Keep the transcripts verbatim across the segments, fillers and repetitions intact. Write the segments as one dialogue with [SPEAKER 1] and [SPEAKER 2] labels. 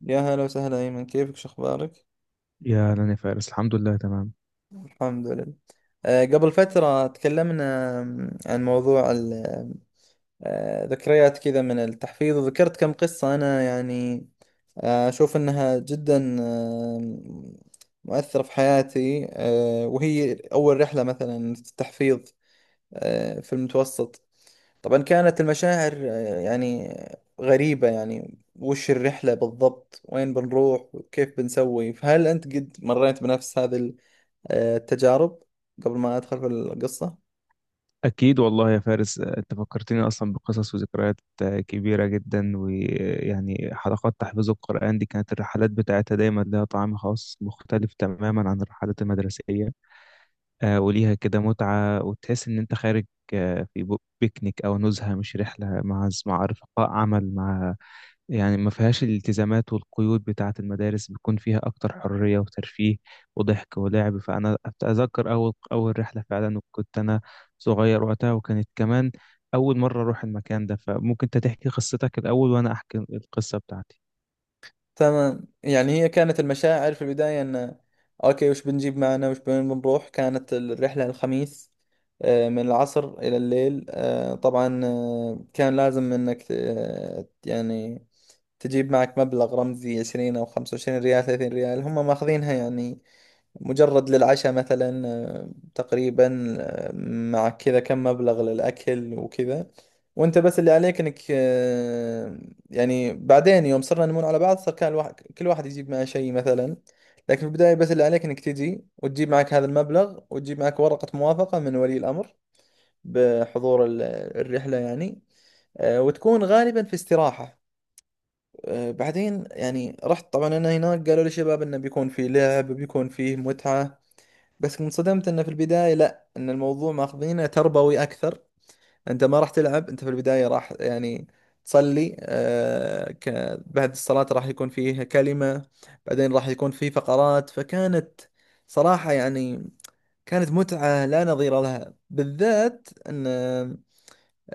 [SPEAKER 1] يا هلا وسهلا أيمن، كيفك؟ شو أخبارك؟
[SPEAKER 2] يا أهلا يا فارس، الحمد لله تمام.
[SPEAKER 1] الحمد لله. آه، قبل فترة تكلمنا، آم، عن موضوع ال- آم، آه، ذكريات كذا من التحفيظ، وذكرت كم قصة. أنا يعني آه، أشوف أنها جدا آم، مؤثرة في حياتي، آه، وهي أول رحلة مثلا في التحفيظ آه، في المتوسط. طبعا كانت المشاعر آه، يعني غريبة. يعني وش الرحلة بالضبط؟ وين بنروح؟ وكيف بنسوي؟ فهل أنت قد مريت بنفس هذه ال- آه، التجارب قبل ما أدخل في القصة؟
[SPEAKER 2] أكيد والله يا فارس، آه، أنت فكرتني أصلا بقصص وذكريات آه، كبيرة جدا. ويعني حلقات تحفيظ القرآن دي كانت الرحلات بتاعتها دايما لها طعم خاص مختلف تماما عن الرحلات المدرسية. آه، وليها كده متعة، وتحس إن أنت خارج آه، في بو- بيكنيك أو نزهة، مش رحلة مع مع رفقاء عمل، مع يعني ما فيهاش الالتزامات والقيود بتاعة المدارس، بيكون فيها أكتر حرية وترفيه وضحك ولعب. فأنا أتذكر أول أول رحلة فعلا، وكنت أنا صغير وقتها، وكانت كمان أول مرة أروح المكان ده. فممكن أنت تحكي قصتك الأول وأنا أحكي القصة بتاعتي.
[SPEAKER 1] تمام. يعني هي كانت المشاعر في البداية أن أوكي، وش بنجيب معنا؟ وش وين بنروح؟ كانت الرحلة الخميس آه، من العصر إلى الليل. آه، طبعا آه، كان لازم أنك آه، يعني تجيب معك مبلغ رمزي عشرين أو خمسة وعشرين ريال، ثلاثين ريال، هم ماخذينها يعني مجرد للعشاء مثلا. آه، تقريبا آه، مع كذا كم مبلغ للأكل وكذا. وانت بس اللي عليك انك آه، يعني بعدين يوم صرنا نمون على بعض، صار كان الواحد كل واحد يجيب معه شيء مثلا. لكن في البداية بس اللي عليك انك تجي وتجيب معك هذا المبلغ، وتجيب معك ورقة موافقة من ولي الأمر بحضور ال- الرحلة يعني. آه، وتكون غالبا في استراحة. آه، بعدين يعني رحت طبعا انا هناك، قالوا لي شباب انه بيكون في لعب، بيكون فيه متعة. بس انصدمت انه في البداية لا، ان الموضوع ماخذينه تربوي اكثر. انت ما راح تلعب، انت في البداية راح يعني تصلي. آه ك... بعد الصلاة راح يكون فيه كلمة، بعدين راح يكون فيه فقرات. فكانت صراحة يعني كانت متعة لا نظير لها، بالذات ان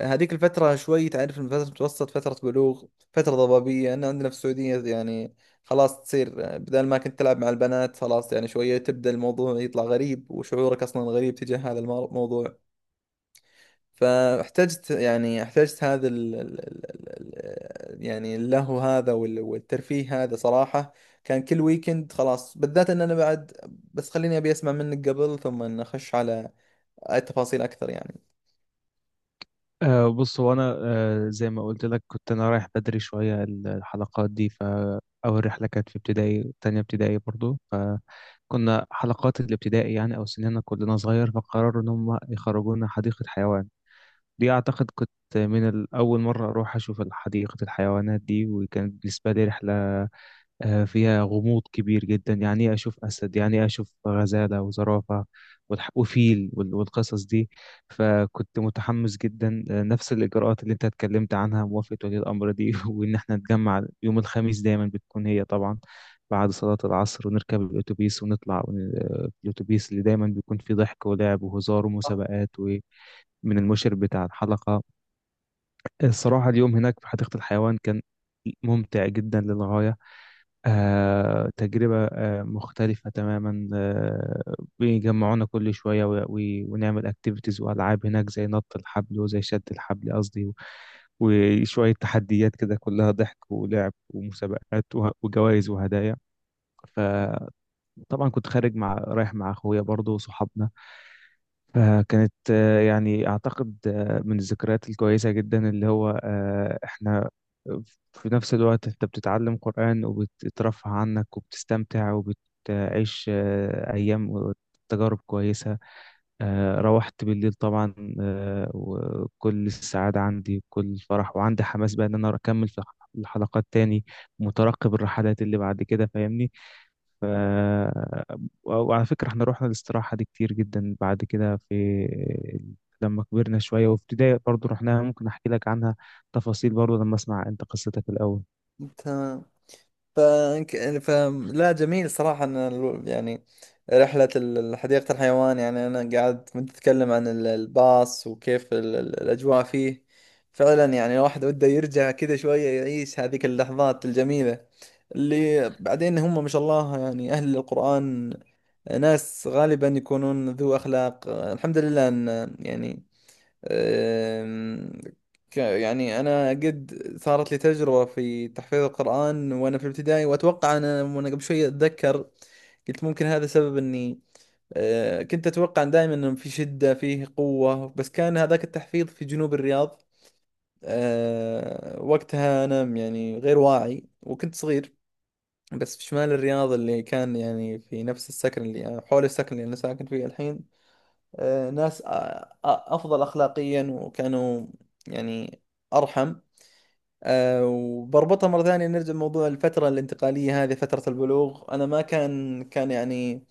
[SPEAKER 1] هذيك الفترة شوي، تعرف إن فترة متوسط، فترة بلوغ، فترة ضبابية. أنا عندنا في السعودية يعني خلاص تصير بدل ما كنت تلعب مع البنات، خلاص يعني شوية تبدأ الموضوع يطلع غريب، وشعورك أصلا غريب تجاه هذا المو- الموضوع. فاحتجت، يعني احتجت هذا ال ال ال ال يعني اللهو هذا وال- والترفيه هذا. صراحة كان كل ويكند خلاص، بالذات ان انا بعد. بس خليني ابي اسمع منك قبل، ثم ان اخش على التفاصيل اكثر يعني.
[SPEAKER 2] أه بص، هو أنا أه زي ما قلت لك كنت أنا رايح بدري شوية الحلقات دي. فأول رحلة كانت في ابتدائي، تانية ابتدائي برضو. فكنا حلقات الابتدائي يعني، أو سننا كلنا صغير، فقرروا إن هم يخرجونا حديقة حيوان. دي أعتقد كنت من ال- أول مرة أروح أشوف حديقة الحيوانات دي، وكانت بالنسبة لي رحلة آه، فيها غموض كبير جدا. يعني إيه أشوف أسد؟ يعني إيه أشوف غزالة وزرافة والح- وفيل وال- والقصص دي؟ فكنت متحمس جدا. آه، نفس الإجراءات اللي أنت اتكلمت عنها، موافقة ولي الأمر دي وإن إحنا نتجمع يوم الخميس. دايما بتكون هي طبعا بعد صلاة العصر، ونركب الأتوبيس ونطلع ون- آه، الأتوبيس اللي دايما بيكون فيه ضحك ولعب وهزار ومسابقات و... من المشرف بتاع الحلقة. الصراحة اليوم هناك في حديقة الحيوان كان ممتع جدا للغاية. آه، تجربة آه، مختلفة تماما. آه، بيجمعونا كل شوية و- و- ونعمل اكتيفيتيز وألعاب هناك، زي نط الحبل وزي شد الحبل قصدي، و- وشوية تحديات كده، كلها ضحك ولعب ومسابقات وجوائز وهدايا. فطبعا كنت خارج، مع رايح مع أخويا برضه وصحابنا. فكانت آه، يعني أعتقد آه، من الذكريات الكويسة جدا، اللي هو آه، إحنا في نفس الوقت أنت بتتعلم قرآن وبتترفه عنك وبتستمتع وبتعيش آه، أيام وتجارب كويسة. آه، روحت بالليل طبعا آه، وكل السعادة عندي وكل الفرح، وعندي حماس بقى إن أنا أكمل في الحلقات تاني، مترقب الرحلات اللي بعد كده، فاهمني؟ ف... وعلى فكرة احنا رحنا الاستراحة دي كتير جدا بعد كده، في لما كبرنا شوية. وفي ابتدائي برضه رحناها، ممكن أحكي لك عنها تفاصيل برضه لما أسمع أنت قصتك الأول.
[SPEAKER 1] تمام. ف... فلا، جميل صراحة، أن الو- يعني رحلة ال- حديقة الحيوان، يعني أنا قاعد كنت أتكلم عن ال- الباص وكيف ال- ال- الأجواء فيه. فعلا يعني الواحد وده يرجع كذا شوية، يعيش هذيك اللحظات الجميلة، اللي بعدين هم ما شاء الله. يعني أهل القرآن ناس غالبا يكونون ذو أخلاق، الحمد لله أن يعني أم، ك- يعني أنا قد صارت لي تجربة في تحفيظ القرآن وأنا في الابتدائي، وأتوقع أنا وأنا قبل شوي أتذكر، قلت ممكن هذا سبب إني أه، كنت أتوقع دائما إنه في شدة، فيه قوة. بس كان هذاك التحفيظ في جنوب الرياض. أه، وقتها أنا يعني غير واعي وكنت صغير. بس في شمال الرياض اللي كان يعني في نفس السكن، اللي حول السكن اللي أنا ساكن فيه الحين، آه، ناس آه، آه، أفضل أخلاقيا، وكانوا يعني أرحم. آه، وبربطها مرة ثانية نرجع لموضوع الفترة الانتقالية هذه، فترة البلوغ. أنا ما كان كان يعني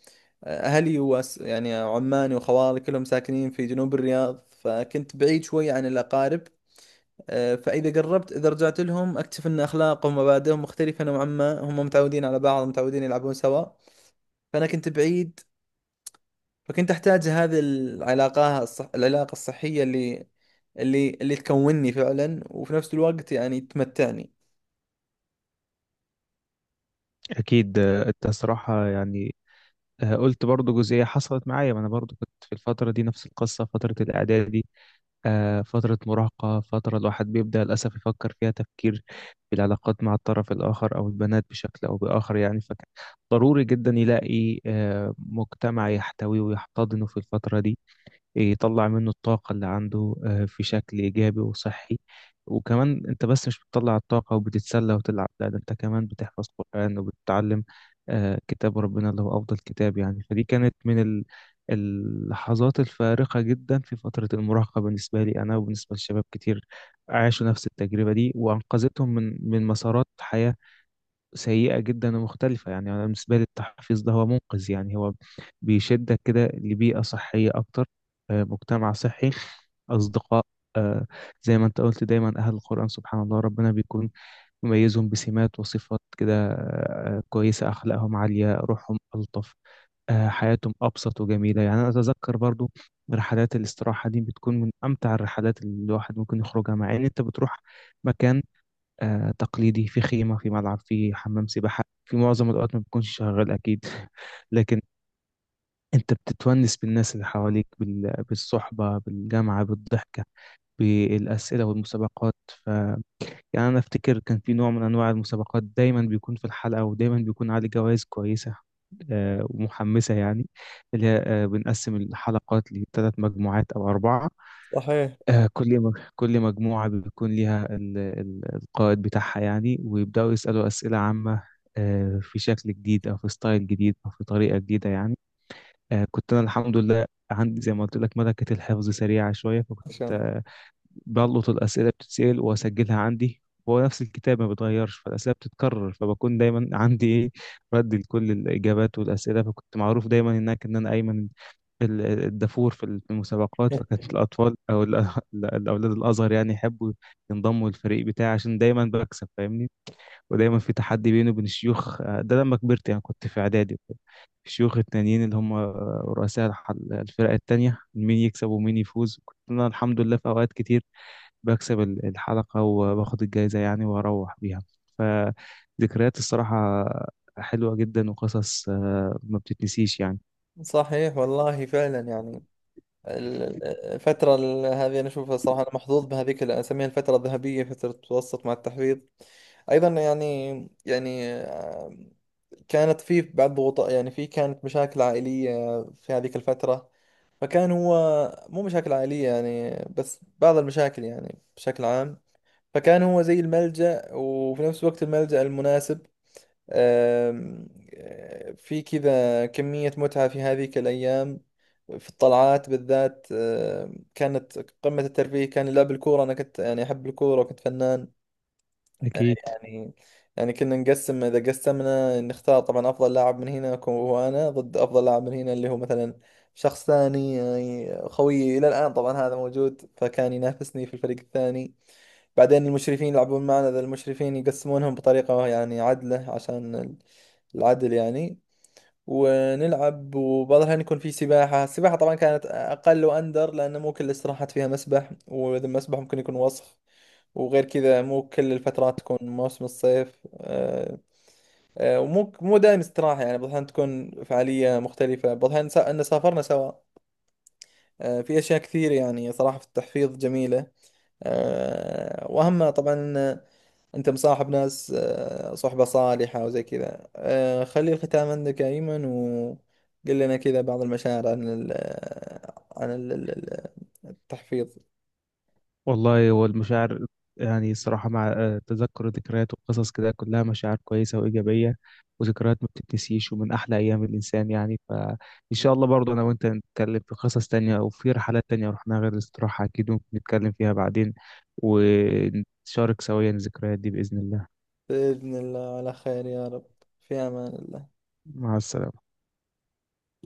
[SPEAKER 1] آه، أهلي وأس يعني عماني وخوالي كلهم ساكنين في جنوب الرياض، فكنت بعيد شوي عن الأقارب. آه، فإذا قربت، إذا رجعت لهم، أكتشف أن أخلاقهم ومبادئهم مختلفة نوعا ما. هم متعودين على بعض، متعودين يلعبون سوا. فأنا كنت بعيد، فكنت احتاج هذه العلاقة الصح... العلاقة الصحية اللي اللي اللي تكونني فعلا، وفي نفس الوقت يعني تمتعني.
[SPEAKER 2] أكيد آه، أنت صراحة يعني آه، قلت برضه جزئية حصلت معايا. ما أنا برضه كنت في الفترة دي نفس القصة، فترة الإعدادي، آه، فترة مراهقة، فترة الواحد بيبدأ للأسف يفكر فيها تفكير في العلاقات مع الطرف الآخر أو البنات، بشكل أو بآخر يعني. فكان ضروري جدا يلاقي آه، مجتمع يحتويه ويحتضنه في الفترة دي، يطلع منه الطاقة اللي عنده آه، في شكل إيجابي وصحي. وكمان أنت بس مش بتطلع الطاقة وبتتسلى وتلعب، لا ده أنت كمان بتحفظ قرآن وبتتعلم آه، كتاب ربنا اللي هو أفضل كتاب يعني. فدي كانت من ال- اللحظات الفارقة جدا في فترة المراهقة بالنسبة لي أنا، وبالنسبة لشباب كتير عاشوا نفس التجربة دي، وأنقذتهم من من مسارات حياة سيئة جدا ومختلفة. يعني أنا بالنسبة لي التحفيظ ده هو منقذ، يعني هو بيشدك كده لبيئة صحية أكتر، آه، مجتمع صحي، أصدقاء. آه، زي ما أنت قلت دايما أهل القرآن سبحان الله ربنا بيكون مميزهم بسمات وصفات كده آه، كويسة. أخلاقهم عالية، روحهم ألطف، آه، حياتهم أبسط وجميلة. يعني أنا أتذكر برضو رحلات الاستراحة دي بتكون من أمتع الرحلات اللي الواحد ممكن يخرجها، مع إن أنت بتروح مكان آه، تقليدي، في خيمة، في ملعب، في حمام سباحة في معظم الوقت ما بيكونش شغال أكيد لكن أنت بتتونس بالناس اللي حواليك، بال- بالصحبة، بالجامعة، بالضحكة، بالأسئلة والمسابقات. ف يعني أنا أفتكر كان في نوع من أنواع المسابقات دايما بيكون في الحلقة، ودايما بيكون عليه جوائز كويسة آه، ومحمسة يعني، اللي هي آه، بنقسم الحلقات لثلاث مجموعات أو أربعة.
[SPEAKER 1] صحيح.
[SPEAKER 2] آه، كل مج- كل مجموعة بيكون ليها ال- ال- القائد بتاعها يعني، ويبدأوا يسألوا أسئلة عامة آه، في شكل جديد أو في ستايل جديد أو في طريقة جديدة يعني. آه، كنت أنا الحمد لله عندي زي ما قلت لك ملكة الحفظ سريعة شوية، فكنت
[SPEAKER 1] عشان.
[SPEAKER 2] آه، بلقط الأسئلة بتتسأل وأسجلها عندي. هو نفس الكتاب ما بيتغيرش، فالأسئلة بتتكرر، فبكون دايما عندي إيه، رد لكل الإجابات والأسئلة. فكنت معروف دايما هناك إن أنا أيمن ال- ال- الدافور في ال- في المسابقات. فكانت الأطفال أو ال- ال- الأولاد الأصغر يعني يحبوا ينضموا للفريق بتاعي عشان دايما بكسب، فاهمني؟ ودايما في تحدي بيني وبين الشيوخ، آه، ده لما كبرت يعني كنت في إعدادي وكده. الشيوخ التانيين اللي هم آه، رؤساء الح- الفرق التانية، مين يكسب ومين يفوز. كنت أنا الحمد لله في أوقات كتير بكسب ال- الحلقة وباخد الجايزة يعني وأروح بيها. فذكريات الصراحة حلوة جدا، وقصص آه، ما بتتنسيش يعني.
[SPEAKER 1] صحيح والله فعلا. يعني ال- ال- الفترة ال- هذه أنا أشوفها صراحة. أنا محظوظ بهذيك اللي أسميها الفترة الذهبية، فترة متوسط مع التحفيظ أيضا يعني. يعني كانت في بعض ضغوطات، يعني في كانت مشاكل عائلية في هذيك الفترة، فكان هو... مو مشاكل عائلية يعني، بس بعض المشاكل يعني بشكل عام. فكان هو زي الملجأ، وفي نفس الوقت الملجأ المناسب. آم، آه، في كذا كمية متعة في هذيك الأيام، في الطلعات بالذات. آم، كانت قمة الترفيه كان لعب الكورة. أنا كنت يعني أحب الكورة وكنت فنان
[SPEAKER 2] أكيد.
[SPEAKER 1] يعني. يعني كنا نقسم. اذا قسمنا نختار طبعا افضل لاعب من هنا أكون هو انا، ضد افضل لاعب من هنا اللي هو مثلا شخص ثاني، يعني خويي الى الان طبعا هذا موجود، فكان ينافسني في الفريق الثاني. بعدين المشرفين يلعبون معنا، ذا المشرفين يقسمونهم بطريقة يعني عدلة، عشان العدل يعني. ونلعب، وبعض الأحيان يكون في سباحة. السباحة طبعا كانت أقل وأندر، لأن مو كل الاستراحات فيها مسبح، وإذا مسبح ممكن يكون وسخ. وغير كذا مو كل الفترات تكون موسم الصيف. آه، آه، ومو مو دائم استراحة، يعني بعض الأحيان تكون فعالية مختلفة، بعض الأحيان سا- أن سافرنا سوا. آه، في أشياء كثير يعني صراحة في التحفيظ جميلة، آه، وأهمها طبعا انت مصاحب ناس آه، صحبة صالحة وزي كذا. آه، خلي الختام عندك يا ايمن، وقل لنا كذا بعض المشاعر عن ال آه، عن ال التحفيظ.
[SPEAKER 2] والله هو المشاعر يعني الصراحة مع آه، تذكر ذكريات وقصص كده كلها مشاعر كويسة وإيجابية، وذكريات ما بتتنسيش، ومن أحلى أيام الإنسان يعني. فإن شاء الله برضه أنا وأنت نتكلم في قصص تانية وفي رحلات تانية رحناها غير الاستراحة، أكيد ممكن نتكلم فيها بعدين، ونشارك سويا الذكريات دي بإذن الله.
[SPEAKER 1] بإذن الله على خير يا رب. في امان الله.
[SPEAKER 2] مع السلامة.